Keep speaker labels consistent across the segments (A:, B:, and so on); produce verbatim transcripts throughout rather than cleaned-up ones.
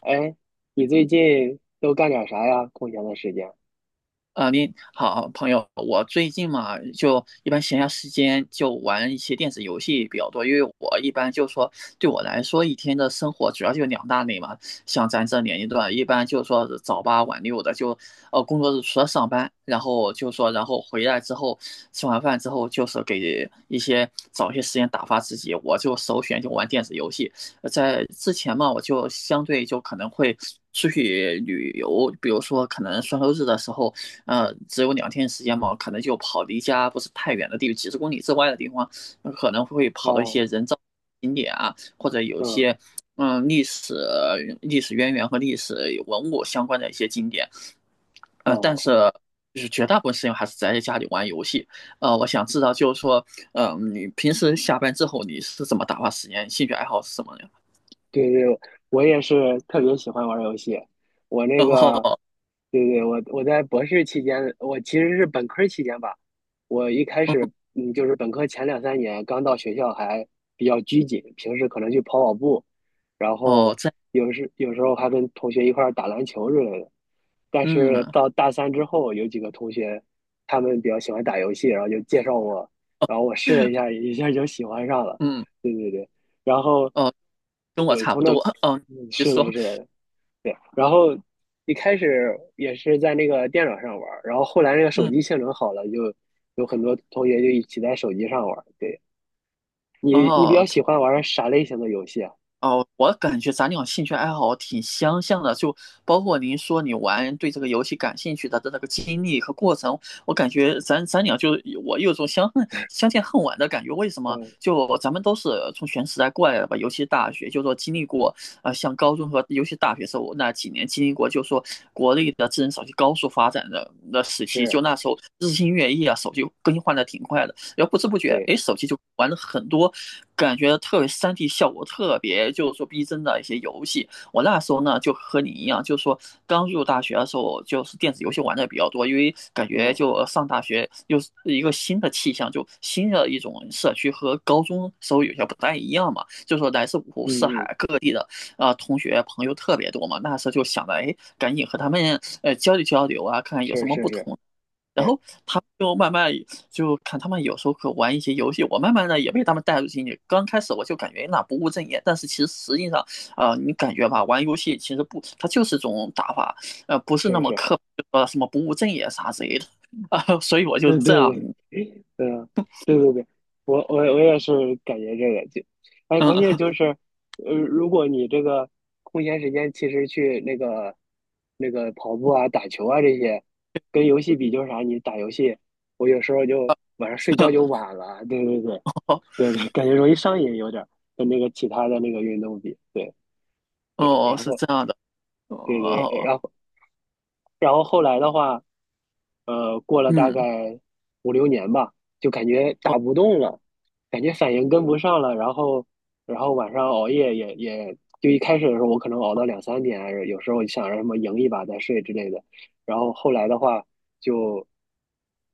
A: 哎，你最近都干点啥呀？空闲的时间？
B: 啊，您好，朋友。我最近嘛，就一般闲暇时间就玩一些电子游戏比较多，因为我一般就说，对我来说，一天的生活主要就两大类嘛。像咱这年龄段，一般就是说是早八晚六的，就呃工作日除了上班，然后就说，然后回来之后吃完饭之后，就是给一些找一些时间打发自己，我就首选就玩电子游戏。呃在之前嘛，我就相对就可能会出去旅游，比如说可能双休日的时候。呃，只有两天时间嘛，可能就跑离家不是太远的地方，几十公里之外的地方，可能会跑到一
A: 哦，
B: 些人造景点啊，或者有
A: 嗯，
B: 些嗯历史、历史渊源和历史文物相关的一些景点。
A: 哦，
B: 呃，但是
A: 哦
B: 就是绝大部分时间还是宅在家里玩游戏。呃，我想知道就是说，嗯，你平时下班之后你是怎么打发时间？兴趣爱好是什么呀？
A: 对对，我也是特别喜欢玩儿游戏。我那
B: 然
A: 个，
B: 后，
A: 对对，我我在博士期间，我其实是本科儿期间吧。我一开
B: 嗯，
A: 始，嗯，就是本科前两三年刚到学校还比较拘谨，平时可能去跑跑步，然
B: 哦，
A: 后
B: 这，
A: 有时有时候还跟同学一块儿打篮球之类的。但是
B: 嗯，
A: 到大三之后，有几个同学他们比较喜欢打游戏，然后就介绍我，然后我试了一下，一下就喜欢上了。
B: 嗯，
A: 对对对，然后。
B: 哦，跟我
A: 对，
B: 差
A: 从
B: 不
A: 那，
B: 多。嗯，
A: 嗯
B: 你
A: 是的，
B: 说，
A: 是的，对。然后一开始也是在那个电脑上玩儿，然后后来那个手
B: 嗯。
A: 机性能好了，就有很多同学就一起在手机上玩儿。对，你你比较
B: 哦，
A: 喜欢玩儿啥类型的游戏啊？
B: 哦，我感觉咱俩兴趣爱好挺相像的，就包括您说你玩对这个游戏感兴趣的的那个经历和过程，我感觉咱咱俩就我有种相恨相见恨晚的感觉。为什么？
A: 嗯，
B: 就咱们都是从全时代过来的吧。尤其大学，就说经历过呃，像高中和尤其大学时候那几年经历过，就说国内的智能手机高速发展的的时期，
A: 是，
B: 就那时候日新月异啊，手机更新换的挺快的。然后不知不觉，
A: 对，
B: 哎，手机就玩了很多，感觉特别 三 D 效果特别就是说逼真的一些游戏。我那时候呢，就和你一样，就是说刚入大学的时候，就是电子游戏玩的比较多，因为感觉
A: 嗯
B: 就上大学又是一个新的气象，就新的一种社区和高中时候有些不太一样嘛，就是说来自五湖
A: 嗯
B: 四
A: 嗯，
B: 海各地的啊、呃同学朋友特别多嘛。那时候就想着，哎，赶紧和他们呃交流交流啊，看看有什
A: 是
B: 么不
A: 是
B: 同。然后他们就慢慢就看他们有时候可玩一些游戏，我慢慢的也被他们带入进去。刚开始我就感觉那不务正业，但是其实实际上，呃，你感觉吧，玩游戏其实不，它就是种打法，呃，不是
A: 是
B: 那
A: 是
B: 么
A: 是，
B: 刻呃什么不务正业啥之类的啊、所以我就
A: 嗯
B: 这
A: 对
B: 样，
A: 对嗯，对对对，我我我也是感觉这个就，哎，关键
B: 嗯，
A: 就是，呃，如果你这个空闲时间其实去那个那个跑步啊、打球啊这些，跟游戏比就是啥，你打游戏，我有时候就晚上睡觉就 晚了，对对对，
B: 哦
A: 对对，感觉容易上瘾有点儿，跟那个其他的那个运动比，对对，
B: 哦
A: 然
B: 是
A: 后
B: 这样的，哦
A: 对对，
B: 哦
A: 然后然后后来的话。呃，过了大
B: 嗯
A: 概五六年吧，就感觉打
B: 哦
A: 不动了，感觉反应跟不上了，然后，然后晚上熬夜也也，就一开始的时候我可能熬到两三点啊，有时候想着什么赢一把再睡之类的，然后后来的话就，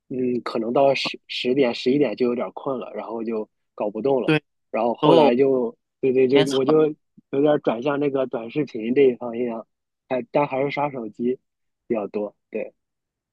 A: 嗯，可能到十十点十一点就有点困了，然后就搞不动了，
B: 对，哦时
A: 然后后
B: 候时
A: 来就，对对，就
B: 间长。
A: 我就有点转向那个短视频这一方面，还但还是刷手机比较多，对，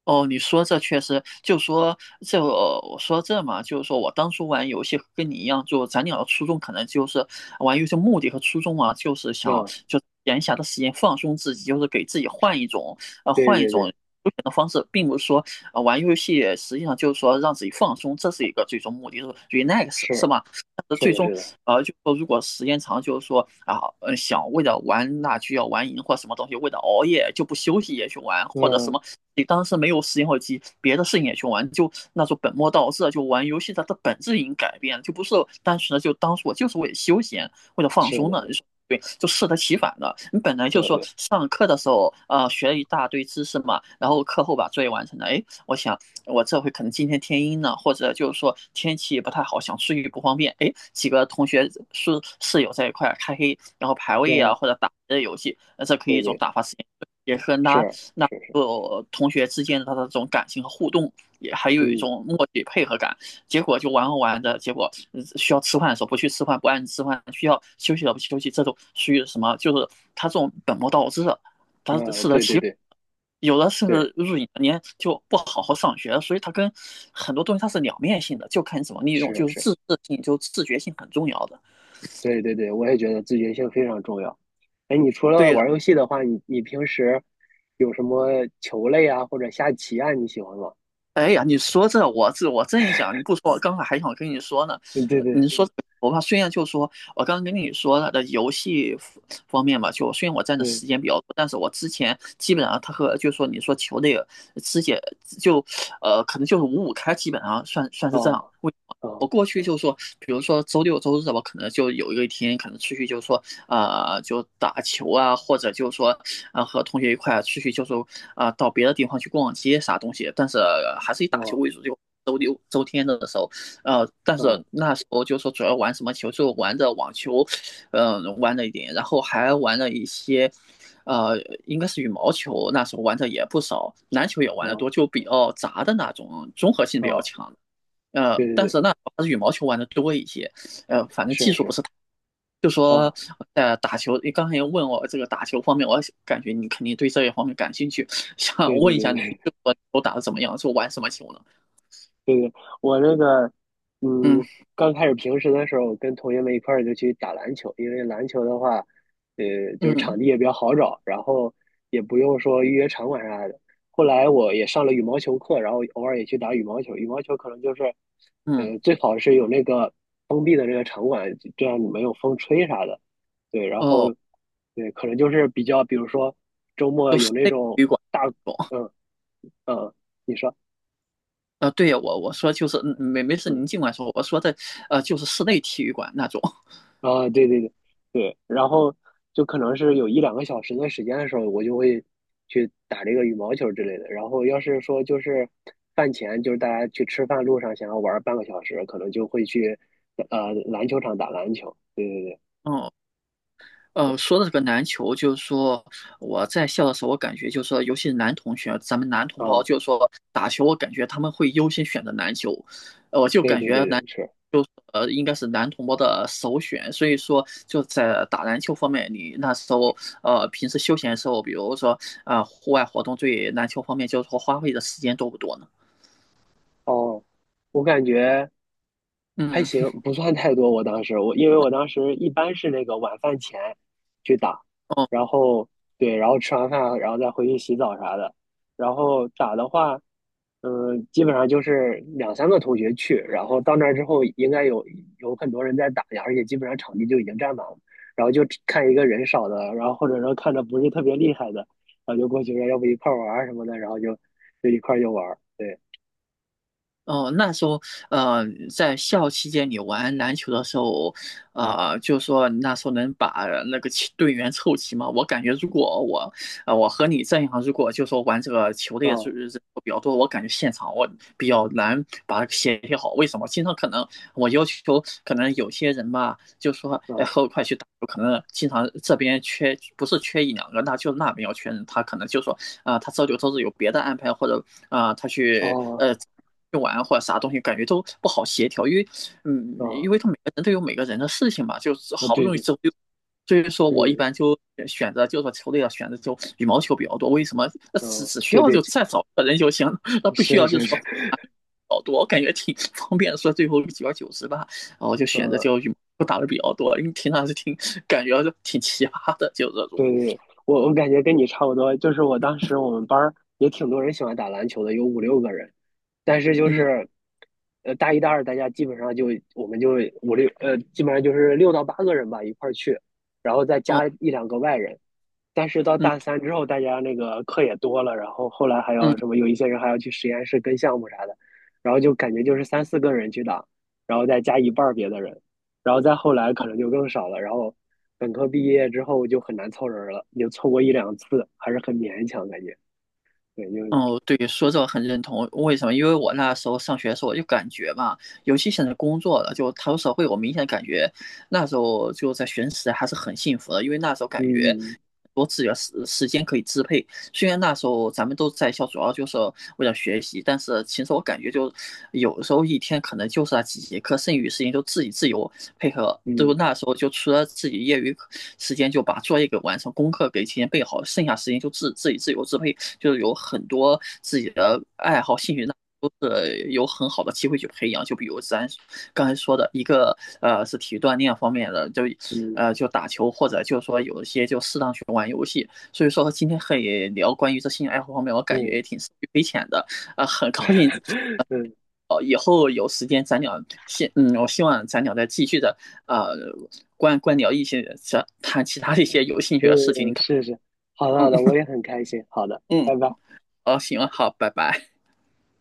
B: 哦，你说这确实，就说这呃我说这嘛，就是说我当初玩游戏跟你一样，就咱俩的初衷可能就是玩游戏目的和初衷啊，就是想
A: 嗯。
B: 就闲暇的时间放松自己，就是给自己换一种呃
A: 对
B: 换一
A: 对
B: 种
A: 对，
B: 休闲的方式。并不是说呃玩游戏实际上就是说让自己放松，这是一个最终目的，就是 relax 是
A: 是
B: 吧？但是
A: 是
B: 最
A: 的，
B: 终
A: 是的，
B: 呃就说如果时间长，就是说啊呃想为了玩那就要玩赢或什么东西，为了熬夜就不休息也去玩，或者什
A: 嗯，
B: 么。你当时没有时间或机，别的事情也去玩，就那种本末倒置啊，就玩游戏它的本质已经改变了，就不是单纯的就当时我就是为了休闲，为了放
A: 是
B: 松的。
A: 的，
B: 就是对，就适得其反的。你本来
A: 对
B: 就说
A: 对，
B: 上课的时候，呃，学了一大堆知识嘛，然后课后把作业完成了。哎，我想我这回可能今天天阴了，或者就是说天气不太好，想出去不方便。哎，几个同学室室友在一块开黑，然后排位啊，
A: 嗯，
B: 或者打这游戏，那这可以
A: 对
B: 一种
A: 对，
B: 打发时间，也是拉
A: 是
B: 拉
A: 是是，
B: 呃同学之间的这种感情和互动，也还有一
A: 嗯，
B: 种默契配合感。结果就玩着玩的结果呃需要吃饭的时候不去吃饭，不按时吃饭；需要休息的不去休息，这种属于什么？就是他这种本末倒置，他
A: 那
B: 适得
A: 对对
B: 其反。
A: 对
B: 有的甚
A: 对，
B: 至入隐年就不好好上学，所以他跟很多东西它是两面性的，就看你怎么利用，
A: 是
B: 就是
A: 是，
B: 自制性，就自觉性很重要的。
A: 对对对，我也觉得自觉性非常重要。哎，你除了
B: 对的。
A: 玩游戏的话，你你平时有什么球类啊，或者下棋啊，你喜欢吗？
B: 哎呀，你说这我，这我正想，你不说，我刚才还想跟你说呢。
A: 嗯，对
B: 呃
A: 对，
B: 你说我怕，虽然就说我刚刚跟你说了的游戏方方面吧，就虽然我占的
A: 对，
B: 时间比较多，但是我之前基本上他和就说你说球类肢解就呃可能就是五五开，基本上算算是这样。
A: 哦，
B: 为什么我
A: 哦，
B: 过去就说，比如说周六周日吧，可能就有一个一天，可能出去就说，呃，就打球啊，或者就说啊，和同学一块出去就是啊，到别的地方去逛街啥东西，但是呃还是以打球
A: 哦，
B: 为主，就周六周天的时候。呃，但是
A: 哦，
B: 那时候就说主要玩什么球，就玩着网球。嗯、玩了一点，然后还玩了一些。呃，应该是羽毛球，那时候玩的也不少，篮球也玩的
A: 哦，
B: 多，就比较杂的那种，综合性比较
A: 哦，
B: 强。呃，
A: 对对
B: 但
A: 对，
B: 是那还是羽毛球玩的多一些。呃，反正
A: 是
B: 技术不
A: 是，
B: 是太，就说
A: 哦，
B: 呃打球，你刚才也问我这个打球方面，我感觉你肯定对这一方面感兴趣，想
A: 对对
B: 问一
A: 对
B: 下你，
A: 对，
B: 就说球打的怎么样，就玩什么球呢？
A: 我那个，
B: 嗯
A: 嗯，刚开始平时的时候，跟同学们一块儿就去打篮球，因为篮球的话，呃，就是
B: 嗯
A: 场地也比较好找，然后也不用说预约场馆啥的。后来我也上了羽毛球课，然后偶尔也去打羽毛球。羽毛球可能就是，
B: 嗯，
A: 呃，最好是有那个封闭的那个场馆，这样你没有风吹啥的。对，然后，
B: 哦，
A: 对，可能就是比较，比如说周末
B: 就
A: 有
B: 室
A: 那
B: 内体
A: 种
B: 育馆
A: 大，
B: 那种。
A: 嗯嗯，你说。
B: 呃，对呀，我我说就是嗯没没事，
A: 嗯。
B: 您尽管说，我说的呃就是室内体育馆那种。
A: 啊，对对对对，然后就可能是有一两个小时的时间的时候，我就会去打这个羽毛球之类的。然后要是说就是饭前，就是大家去吃饭路上想要玩半个小时，可能就会去呃篮球场打篮球。对对对，
B: 嗯呃，说到这个篮球，就是说我在校的时候，我感觉就是说，尤其是男同学，咱们男同胞，
A: 哦，
B: 就是说打球，我感觉他们会优先选择篮球。呃我就
A: 对
B: 感
A: 对
B: 觉
A: 对对，
B: 男
A: 是
B: 呃应该是男同胞的首选。所以说，就在打篮球方面，你那时候呃平时休闲的时候，比如说呃户外活动，对篮球方面就是说花费的时间多不多呢？
A: 哦，我感觉还
B: 嗯。
A: 行，不算太多。我当时我因为我当时一般是那个晚饭前去打，然后对，然后吃完饭然后再回去洗澡啥的。然后打的话，嗯，基本上就是两三个同学去，然后到那儿之后，应该有有很多人在打呀，而且基本上场地就已经占满了，然后就只看一个人少的，然后或者说看着不是特别厉害的，然后就过去说要不一块儿玩儿什么的，然后就就一块儿就玩儿，对，
B: 哦，那时候，呃，在校期间你玩篮球的时候，呃，就说你那时候能把那个齐队员凑齐吗？我感觉如果我，呃，我和你这样，如果就说玩这个球类
A: 啊
B: 是是比较多，我感觉现场我比较难把它协调好。为什么？经常可能我要求，可能有些人吧，就说，哎，和我一
A: 啊
B: 块去打球，可能经常这边缺，不是缺一两个，那就那边要缺人，他可能就说，啊、他周六周日有别的安排，或者啊、他去
A: 啊
B: 呃。玩或者啥东西，感觉都不好协调。因为，嗯，
A: 啊
B: 因为他每个人都有每个人的事情嘛，就是
A: 啊，
B: 好不
A: 对
B: 容易
A: 对，
B: 周六，所以说我一
A: 嗯
B: 般就选择，就是说球队啊，选择就羽毛球比较多。为什么？呃只
A: 嗯，
B: 只需
A: 对
B: 要
A: 对，
B: 就再找一个人就行，那不需
A: 是
B: 要就
A: 是
B: 是
A: 是，
B: 说啊好多，我感觉挺方便的说最后久而久之吧，然后就选择就
A: 嗯
B: 羽毛球打的比较多，因为平常是挺感觉就挺奇葩的，就这种。
A: 对对对，我我感觉跟你差不多，就是我当时我们班儿也挺多人喜欢打篮球的，有五六个人，但是就
B: 嗯，
A: 是，呃，大一大二大家基本上就我们就五六呃，基本上就是六到八个人吧一块儿去，然后再
B: 哦，
A: 加一两个外人，但是到
B: 嗯
A: 大三之后，大家那个课也多了，然后后来还
B: 嗯。
A: 要什么，有一些人还要去实验室跟项目啥的，然后就感觉就是三四个人去打，然后再加一半儿别的人，然后再后来可能就更少了。然后本科毕业之后就很难凑人了，也凑过一两次，还是很勉强感觉。对，就
B: 哦，对，说这个很认同。为什么？因为我那时候上学的时候，我就感觉吧，尤其现在工作了，就踏入社会，我明显感觉那时候就在学生时代还是很幸福的，因为那时候感觉
A: 嗯
B: 多自己的时时间可以支配，虽然那时候咱们都在校，主要就是为了学习，但是其实我感觉就有时候一天可能就是那几节课，剩余时间就自己自由配合。就
A: 嗯
B: 那时候就除了自己业余时间就把作业给完成，功课给提前备好，剩下时间就自自己自由支配，就是有很多自己的爱好兴趣那。都是有很好的机会去培养，就比如咱刚才说的一个，呃，是体育锻炼方面的，就，
A: 嗯
B: 呃，就打球或者就是说有一些就适当去玩游戏，所以说今天可以聊关于这兴趣爱好方面，我感觉
A: 嗯
B: 也挺受益匪浅的。呃，很高兴。
A: 嗯
B: 哦，以后有时间咱俩希嗯，我希望咱俩再继续的呃，关关聊一些这谈其他的一些有兴趣的事情。你
A: 嗯，
B: 看，
A: 是是，好的好
B: 嗯
A: 的，我也很开心。好的，
B: 嗯，
A: 拜拜。
B: 哦，行了，好，拜拜。